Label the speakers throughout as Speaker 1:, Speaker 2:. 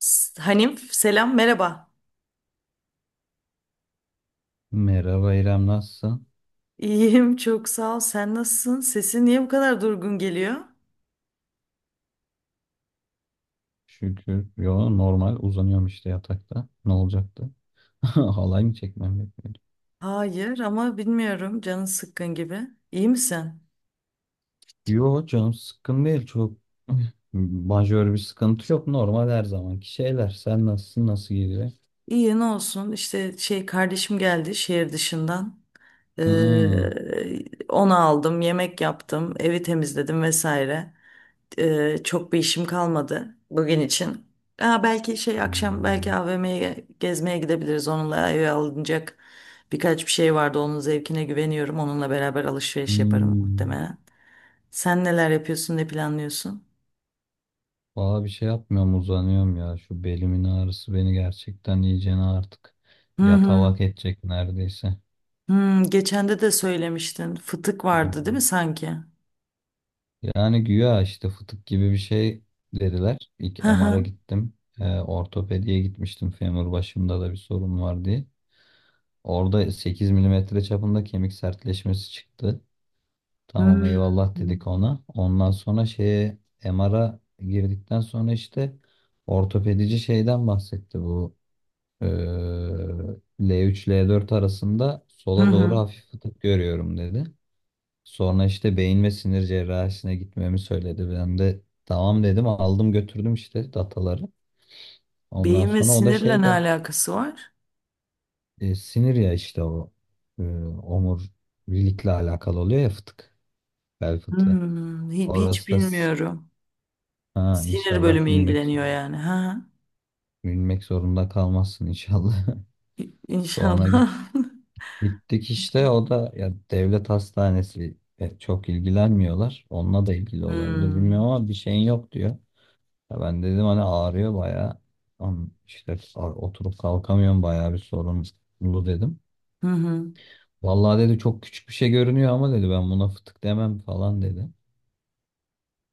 Speaker 1: S- Hanif, selam, merhaba.
Speaker 2: Merhaba İrem, nasılsın?
Speaker 1: İyiyim, çok sağ ol. Sen nasılsın? Sesin niye bu kadar durgun geliyor?
Speaker 2: Şükür. Yo, normal uzanıyorum işte yatakta. Ne olacaktı? Halay mı çekmem gerekiyordu?
Speaker 1: Hayır ama bilmiyorum, canın sıkkın gibi. İyi misin?
Speaker 2: Yo, canım sıkkın değil çok. Majör bir sıkıntı yok. Normal her zamanki şeyler. Sen nasılsın? Nasıl gidiyor?
Speaker 1: İyi, ne olsun işte, kardeşim geldi şehir dışından.
Speaker 2: Hmm.
Speaker 1: Onu aldım, yemek yaptım, evi temizledim vesaire. Çok bir işim kalmadı bugün için. Belki akşam belki
Speaker 2: Hmm.
Speaker 1: AVM'ye gezmeye gidebiliriz. Onunla eve alınacak birkaç bir şey vardı. Onun zevkine güveniyorum. Onunla beraber alışveriş yaparım
Speaker 2: Hmm.
Speaker 1: muhtemelen. Sen neler yapıyorsun, ne planlıyorsun?
Speaker 2: Valla bir şey yapmıyorum, uzanıyorum ya. Şu belimin ağrısı beni gerçekten iyicene artık
Speaker 1: Hı hı.
Speaker 2: yatalak edecek neredeyse.
Speaker 1: Hı, geçen de söylemiştin. Fıtık vardı değil mi
Speaker 2: Hmm.
Speaker 1: sanki?
Speaker 2: Yani güya işte fıtık gibi bir şey dediler. İlk
Speaker 1: Hı
Speaker 2: MR'a
Speaker 1: hı.
Speaker 2: gittim. Ortopediye gitmiştim. Femur başımda da bir sorun var diye. Orada 8 mm çapında kemik sertleşmesi çıktı.
Speaker 1: Hı
Speaker 2: Tamam,
Speaker 1: hı.
Speaker 2: eyvallah dedik ona. Ondan sonra şeye MR'a girdikten sonra işte ortopedici şeyden bahsetti bu. eee, L3 L4 arasında
Speaker 1: Hı
Speaker 2: sola doğru
Speaker 1: hı.
Speaker 2: hafif fıtık görüyorum dedi. Sonra işte beyin ve sinir cerrahisine gitmemi söyledi. Ben de tamam dedim, aldım götürdüm işte dataları. Ondan
Speaker 1: Beyin ve
Speaker 2: sonra o da
Speaker 1: sinirle
Speaker 2: şey
Speaker 1: ne
Speaker 2: de
Speaker 1: alakası var?
Speaker 2: sinir ya işte o e, omurilikle alakalı oluyor ya, fıtık, bel fıtığı.
Speaker 1: Hmm, hiç
Speaker 2: Orası da
Speaker 1: bilmiyorum.
Speaker 2: ha,
Speaker 1: Sinir
Speaker 2: inşallah
Speaker 1: bölümü ilgileniyor yani. Ha.
Speaker 2: bilmek zorunda, kalmazsın inşallah. Sonra
Speaker 1: İnşallah.
Speaker 2: gittik işte, o da ya devlet hastanesi, çok ilgilenmiyorlar. Onunla da ilgili olabilir,
Speaker 1: Hmm.
Speaker 2: bilmiyorum, ama bir şeyin yok diyor. Ya ben dedim hani ağrıyor bayağı. Am- işte oturup kalkamıyorum, bayağı bir sorunlu dedim.
Speaker 1: Hı hı.
Speaker 2: Vallahi dedi, çok küçük bir şey görünüyor ama dedi, ben buna fıtık demem falan dedi.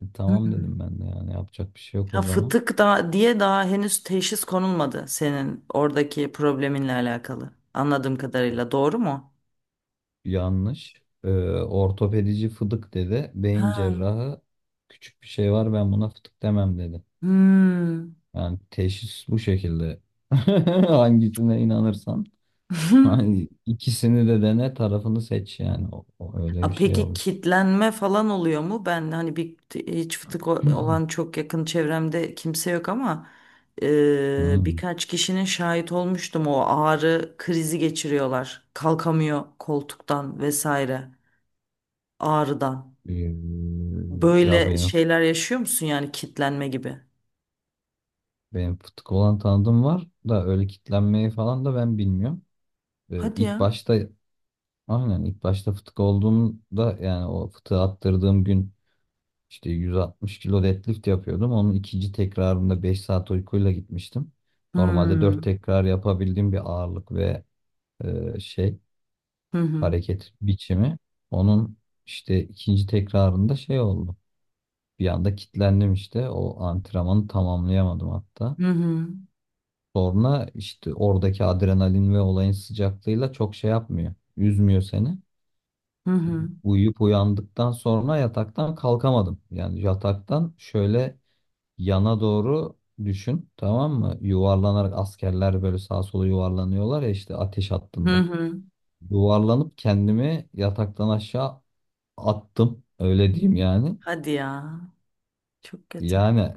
Speaker 2: Tamam
Speaker 1: Hı.
Speaker 2: dedim ben de, yani yapacak bir şey yok o
Speaker 1: Ya
Speaker 2: zaman.
Speaker 1: fıtık da diye daha henüz teşhis konulmadı senin oradaki probleminle alakalı. Anladığım kadarıyla doğru mu?
Speaker 2: Yanlış. Ortopedici fıdık dedi. Beyin
Speaker 1: Ha.
Speaker 2: cerrahı küçük bir şey var, ben buna fıtık demem dedi.
Speaker 1: Hmm.
Speaker 2: Yani teşhis bu şekilde. Hangisine inanırsan. Hani ikisini de dene, tarafını seç yani. O öyle bir
Speaker 1: A,
Speaker 2: şey
Speaker 1: peki
Speaker 2: oldu.
Speaker 1: kitlenme falan oluyor mu? Ben hani bir hiç fıtık olan çok yakın çevremde kimse yok ama e,
Speaker 2: Hmm.
Speaker 1: birkaç kişinin şahit olmuştum, o ağrı krizi geçiriyorlar. Kalkamıyor koltuktan vesaire, ağrıdan.
Speaker 2: Ee, Ya
Speaker 1: Böyle
Speaker 2: benim
Speaker 1: şeyler yaşıyor musun yani, kitlenme gibi?
Speaker 2: benim futbol olan tanıdığım var da öyle kitlenmeyi falan da ben bilmiyorum.
Speaker 1: Hadi
Speaker 2: İlk
Speaker 1: ya.
Speaker 2: başta, aynen, ilk başta fıtık olduğumda, yani o fıtığı attırdığım gün işte 160 kilo deadlift yapıyordum. Onun ikinci tekrarında 5 saat uykuyla gitmiştim. Normalde 4
Speaker 1: Hmm.
Speaker 2: tekrar yapabildiğim bir ağırlık ve şey,
Speaker 1: Hı hı.
Speaker 2: hareket biçimi. Onun işte ikinci tekrarında şey oldu. Bir anda kilitlendim işte. O antrenmanı tamamlayamadım hatta.
Speaker 1: Hı hı.
Speaker 2: Sonra işte oradaki adrenalin ve olayın sıcaklığıyla çok şey yapmıyor. Üzmüyor seni.
Speaker 1: Hı hı.
Speaker 2: Uyuyup uyandıktan sonra yataktan kalkamadım. Yani yataktan şöyle yana doğru düşün, tamam mı? Yuvarlanarak, askerler böyle sağa sola yuvarlanıyorlar ya işte ateş
Speaker 1: Hı
Speaker 2: hattında.
Speaker 1: hı.
Speaker 2: Yuvarlanıp kendimi yataktan aşağı attım. Öyle diyeyim yani.
Speaker 1: Hadi ya. Çok kötü.
Speaker 2: Yani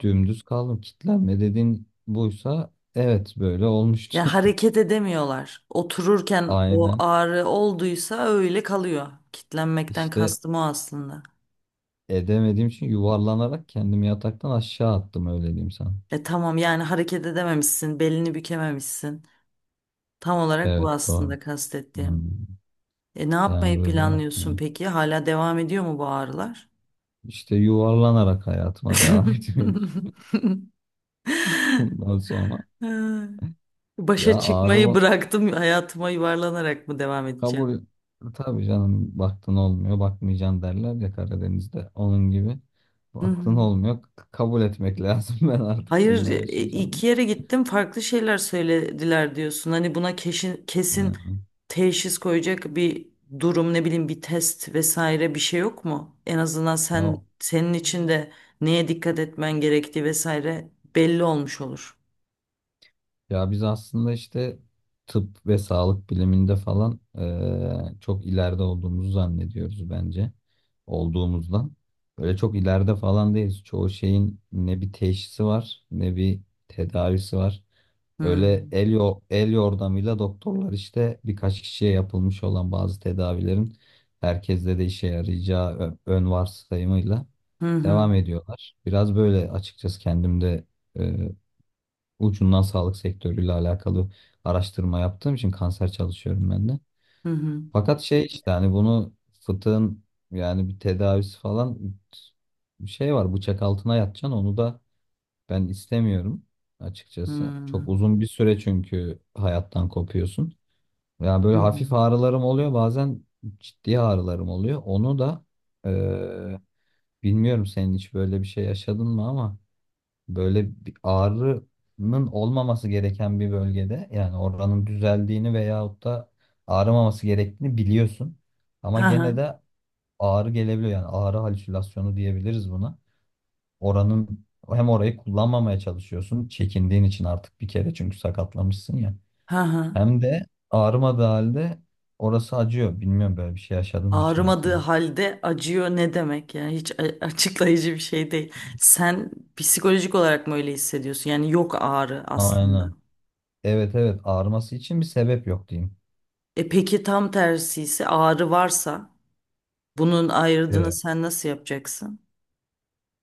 Speaker 2: dümdüz kaldım. Kitlenme dediğin buysa, evet, böyle
Speaker 1: Ya
Speaker 2: olmuştu.
Speaker 1: hareket edemiyorlar. Otururken o
Speaker 2: Aynen.
Speaker 1: ağrı olduysa öyle kalıyor. Kitlenmekten
Speaker 2: İşte
Speaker 1: kastım o aslında.
Speaker 2: edemediğim için yuvarlanarak kendimi yataktan aşağı attım, öyle diyeyim sana.
Speaker 1: E tamam, yani hareket edememişsin, belini bükememişsin. Tam olarak bu
Speaker 2: Evet, doğru.
Speaker 1: aslında
Speaker 2: Hmm.
Speaker 1: kastettiğim. E ne
Speaker 2: Yani
Speaker 1: yapmayı
Speaker 2: böyle,
Speaker 1: planlıyorsun
Speaker 2: hmm.
Speaker 1: peki? Hala devam ediyor mu bu ağrılar?
Speaker 2: işte yuvarlanarak hayatıma devam etmeyi. Bundan sonra,
Speaker 1: Ha,
Speaker 2: ya,
Speaker 1: başa
Speaker 2: ağrı
Speaker 1: çıkmayı bıraktım, hayatıma yuvarlanarak mı devam edeceğim?
Speaker 2: kabul, tabii canım, baktın olmuyor bakmayacaksın derler ya Karadeniz'de, onun gibi
Speaker 1: Hı
Speaker 2: baktın
Speaker 1: hı.
Speaker 2: olmuyor, kabul etmek lazım. Ben artık
Speaker 1: Hayır,
Speaker 2: bununla
Speaker 1: iki
Speaker 2: yaşayacağım.
Speaker 1: yere gittim, farklı şeyler söylediler diyorsun. Hani buna kesin
Speaker 2: Aynen.
Speaker 1: teşhis koyacak bir durum, ne bileyim bir test vesaire, bir şey yok mu? En azından sen
Speaker 2: Ya
Speaker 1: senin için de neye dikkat etmen gerektiği vesaire belli olmuş olur.
Speaker 2: ya biz aslında işte tıp ve sağlık biliminde falan, çok ileride olduğumuzu zannediyoruz, bence olduğumuzdan. Böyle çok ileride falan değiliz. Çoğu şeyin ne bir teşhisi var, ne bir tedavisi var.
Speaker 1: Hı
Speaker 2: Öyle el yordamıyla doktorlar işte birkaç kişiye yapılmış olan bazı tedavilerin herkeste de işe yarayacağı ön varsayımıyla
Speaker 1: hı hı
Speaker 2: devam ediyorlar. Biraz böyle, açıkçası kendimde ucundan sağlık sektörüyle alakalı araştırma yaptığım için, kanser çalışıyorum ben de.
Speaker 1: hı hı.
Speaker 2: Fakat şey işte, hani bunu, fıtığın yani bir tedavisi falan bir şey var, bıçak altına yatacaksın, onu da ben istemiyorum
Speaker 1: Hı hı. Hı
Speaker 2: açıkçası. Çok
Speaker 1: hı.
Speaker 2: uzun bir süre çünkü, hayattan kopuyorsun. Ya
Speaker 1: Hı
Speaker 2: böyle
Speaker 1: hı.
Speaker 2: hafif ağrılarım oluyor, bazen ciddi ağrılarım oluyor. Onu da eee, bilmiyorum senin hiç böyle bir şey yaşadın mı, ama böyle bir ağrının olmaması gereken bir bölgede, yani oranın düzeldiğini veyahut da ağrımaması gerektiğini biliyorsun. Ama
Speaker 1: Ha ha.
Speaker 2: gene de ağrı gelebiliyor, yani ağrı halüsinasyonu diyebiliriz buna. Oranın Hem orayı kullanmamaya çalışıyorsun çekindiğin için, artık bir kere çünkü sakatlamışsın ya.
Speaker 1: Ha ha.
Speaker 2: Hem de ağrımadığı halde orası acıyor. Bilmiyorum, böyle bir şey yaşadın mı hiç
Speaker 1: Ağrımadığı
Speaker 2: hayatında?
Speaker 1: halde acıyor ne demek yani, hiç açıklayıcı bir şey değil. Sen psikolojik olarak mı öyle hissediyorsun? Yani yok ağrı aslında.
Speaker 2: Aynen. Evet, evet, ağrıması için bir sebep yok, diyeyim.
Speaker 1: E peki tam tersi ise, ağrı varsa bunun ayrımını
Speaker 2: Ee,
Speaker 1: sen nasıl yapacaksın?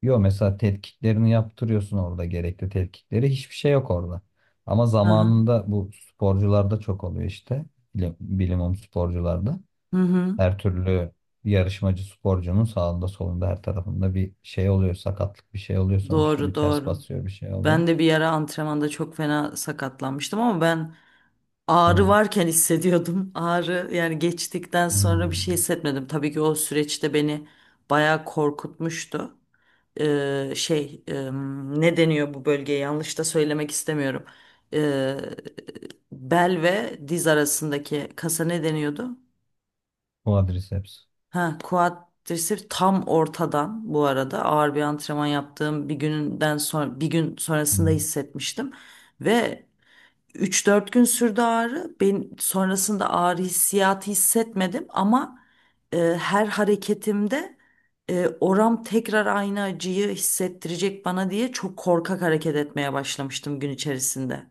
Speaker 2: Yo mesela tetkiklerini yaptırıyorsun orada, gerekli tetkikleri. Hiçbir şey yok orada. Ama
Speaker 1: Hı hı.
Speaker 2: zamanında bu sporcularda çok oluyor işte. Bilimum sporcularda.
Speaker 1: Hı hı.
Speaker 2: Her türlü yarışmacı sporcunun sağında solunda her tarafında bir şey oluyor. Sakatlık, bir şey oluyor sonuçta.
Speaker 1: Doğru,
Speaker 2: Bir ters
Speaker 1: doğru.
Speaker 2: basıyor, bir şey oluyor.
Speaker 1: Ben de bir ara antrenmanda çok fena sakatlanmıştım ama ben ağrı
Speaker 2: Hı.
Speaker 1: varken hissediyordum. Ağrı yani geçtikten sonra bir şey
Speaker 2: Hmm.
Speaker 1: hissetmedim. Tabii ki o süreçte beni bayağı korkutmuştu. e, şey e, Ne deniyor bu bölgeye, yanlış da söylemek istemiyorum. E, Bel ve diz arasındaki kasa ne deniyordu?
Speaker 2: Quadriceps.
Speaker 1: Ha, quadriceps tam ortadan. Bu arada ağır bir antrenman yaptığım bir günden sonra, bir gün sonrasında
Speaker 2: Hmm.
Speaker 1: hissetmiştim ve üç dört gün sürdü ağrı. Ben sonrasında ağrı hissiyatı hissetmedim ama her hareketimde oram tekrar aynı acıyı hissettirecek bana diye çok korkak hareket etmeye başlamıştım gün içerisinde.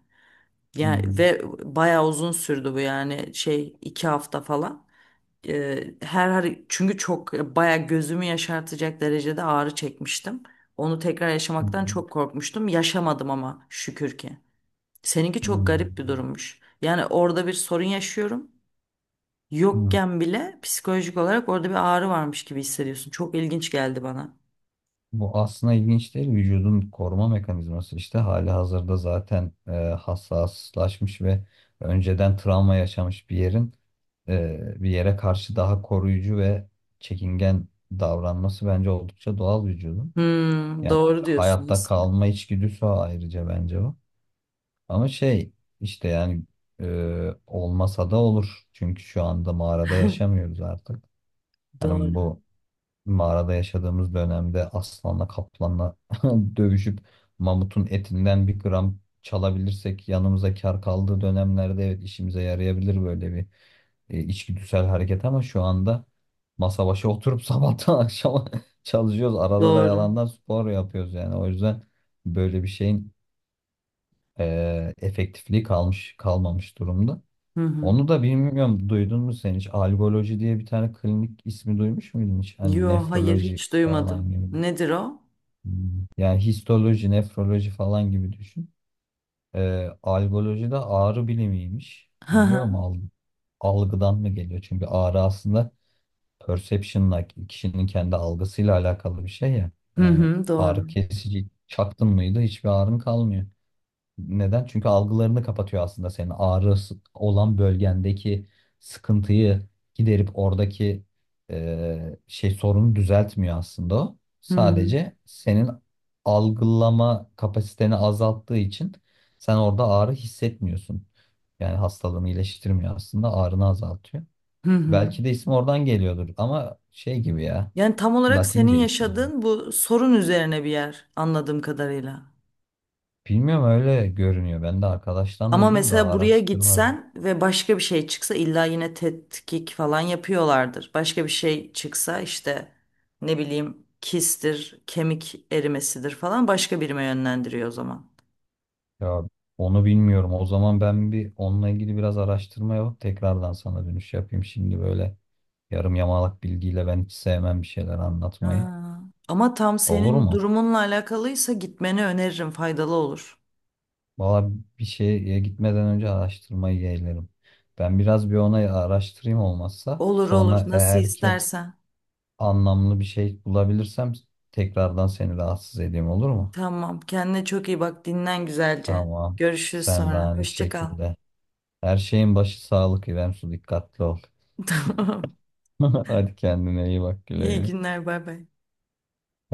Speaker 1: Yani,
Speaker 2: Hmm.
Speaker 1: ve bayağı uzun sürdü bu, yani 2 hafta falan. Çünkü çok bayağı gözümü yaşartacak derecede ağrı çekmiştim. Onu tekrar yaşamaktan
Speaker 2: Hmm.
Speaker 1: çok korkmuştum. Yaşamadım ama şükür ki. Seninki çok
Speaker 2: Hmm.
Speaker 1: garip bir durummuş. Yani orada bir sorun yaşıyorum.
Speaker 2: Hmm.
Speaker 1: Yokken bile psikolojik olarak orada bir ağrı varmış gibi hissediyorsun. Çok ilginç geldi bana.
Speaker 2: Bu aslında ilginç değil. Vücudun koruma mekanizması işte, hali hazırda zaten hassaslaşmış ve önceden travma yaşamış bir yerin bir yere karşı daha koruyucu ve çekingen davranması bence oldukça doğal, vücudun.
Speaker 1: Hmm,
Speaker 2: Yani
Speaker 1: doğru diyorsun
Speaker 2: hayatta
Speaker 1: aslında.
Speaker 2: kalma içgüdüsü o, ayrıca bence o. Ama şey işte, yani olmasa da olur. Çünkü şu anda mağarada yaşamıyoruz artık.
Speaker 1: Doğru.
Speaker 2: Hani bu mağarada yaşadığımız dönemde aslanla kaplanla dövüşüp mamutun etinden bir gram çalabilirsek yanımıza kar kaldığı dönemlerde, evet, işimize yarayabilir böyle bir içgüdüsel hareket, ama şu anda masa başı oturup sabahtan akşama çalışıyoruz. Arada da
Speaker 1: Doğru.
Speaker 2: yalandan spor yapıyoruz yani. O yüzden böyle bir şeyin efektifliği kalmış kalmamış durumda.
Speaker 1: Hı hı.
Speaker 2: Onu da bilmiyorum, duydun mu sen hiç? Algoloji diye bir tane klinik ismi duymuş muydun hiç? Hani
Speaker 1: Yo, hayır,
Speaker 2: nefroloji
Speaker 1: hiç
Speaker 2: falan
Speaker 1: duymadım.
Speaker 2: gibi.
Speaker 1: Nedir o?
Speaker 2: Hmm. Yani histoloji, nefroloji falan gibi düşün. Algoloji de ağrı bilimiymiş.
Speaker 1: Hı
Speaker 2: Bilmiyorum,
Speaker 1: hı.
Speaker 2: algıdan mı geliyor? Çünkü ağrı aslında perception'la, kişinin kendi algısıyla alakalı bir şey ya.
Speaker 1: Hı
Speaker 2: Yani
Speaker 1: hı,
Speaker 2: ağrı
Speaker 1: doğru.
Speaker 2: kesici çaktın mıydı, hiçbir ağrın kalmıyor. Neden? Çünkü algılarını kapatıyor aslında, senin ağrı olan bölgendeki sıkıntıyı giderip oradaki şey sorunu düzeltmiyor aslında o.
Speaker 1: Hı hı.
Speaker 2: Sadece senin algılama kapasiteni azalttığı için sen orada ağrı hissetmiyorsun. Yani hastalığını iyileştirmiyor, aslında ağrını azaltıyor.
Speaker 1: Hı hı.
Speaker 2: Belki de isim oradan geliyordur, ama şey gibi ya,
Speaker 1: Yani tam olarak senin
Speaker 2: Latince ismi.
Speaker 1: yaşadığın bu sorun üzerine bir yer anladığım kadarıyla.
Speaker 2: Bilmiyorum, öyle görünüyor. Ben de arkadaştan
Speaker 1: Ama
Speaker 2: duydum da
Speaker 1: mesela buraya
Speaker 2: araştırmadım.
Speaker 1: gitsen ve başka bir şey çıksa, illa yine tetkik falan yapıyorlardır. Başka bir şey çıksa işte, ne bileyim kistir, kemik erimesidir falan, başka birime yönlendiriyor o zaman.
Speaker 2: Ya onu bilmiyorum. O zaman ben bir onunla ilgili biraz araştırma yapıp tekrardan sana dönüş yapayım. Şimdi böyle yarım yamalak bilgiyle ben hiç sevmem bir şeyler anlatmayı.
Speaker 1: Ha. Ama tam
Speaker 2: Olur
Speaker 1: senin
Speaker 2: mu?
Speaker 1: durumunla alakalıysa gitmeni öneririm, faydalı olur.
Speaker 2: Valla bir şeye gitmeden önce araştırmayı yeğlerim. Ben biraz bir ona araştırayım olmazsa.
Speaker 1: Olur olur,
Speaker 2: Sonra
Speaker 1: nasıl
Speaker 2: eğer ki
Speaker 1: istersen.
Speaker 2: anlamlı bir şey bulabilirsem tekrardan seni rahatsız edeyim, olur mu?
Speaker 1: Tamam, kendine çok iyi bak, dinlen güzelce.
Speaker 2: Tamam.
Speaker 1: Görüşürüz
Speaker 2: Sen de
Speaker 1: sonra.
Speaker 2: aynı
Speaker 1: Hoşça kal.
Speaker 2: şekilde. Her şeyin başı sağlık, İrem Su, dikkatli ol.
Speaker 1: Tamam.
Speaker 2: Hadi, kendine iyi bak, güle
Speaker 1: İyi
Speaker 2: güle.
Speaker 1: günler, bay bay.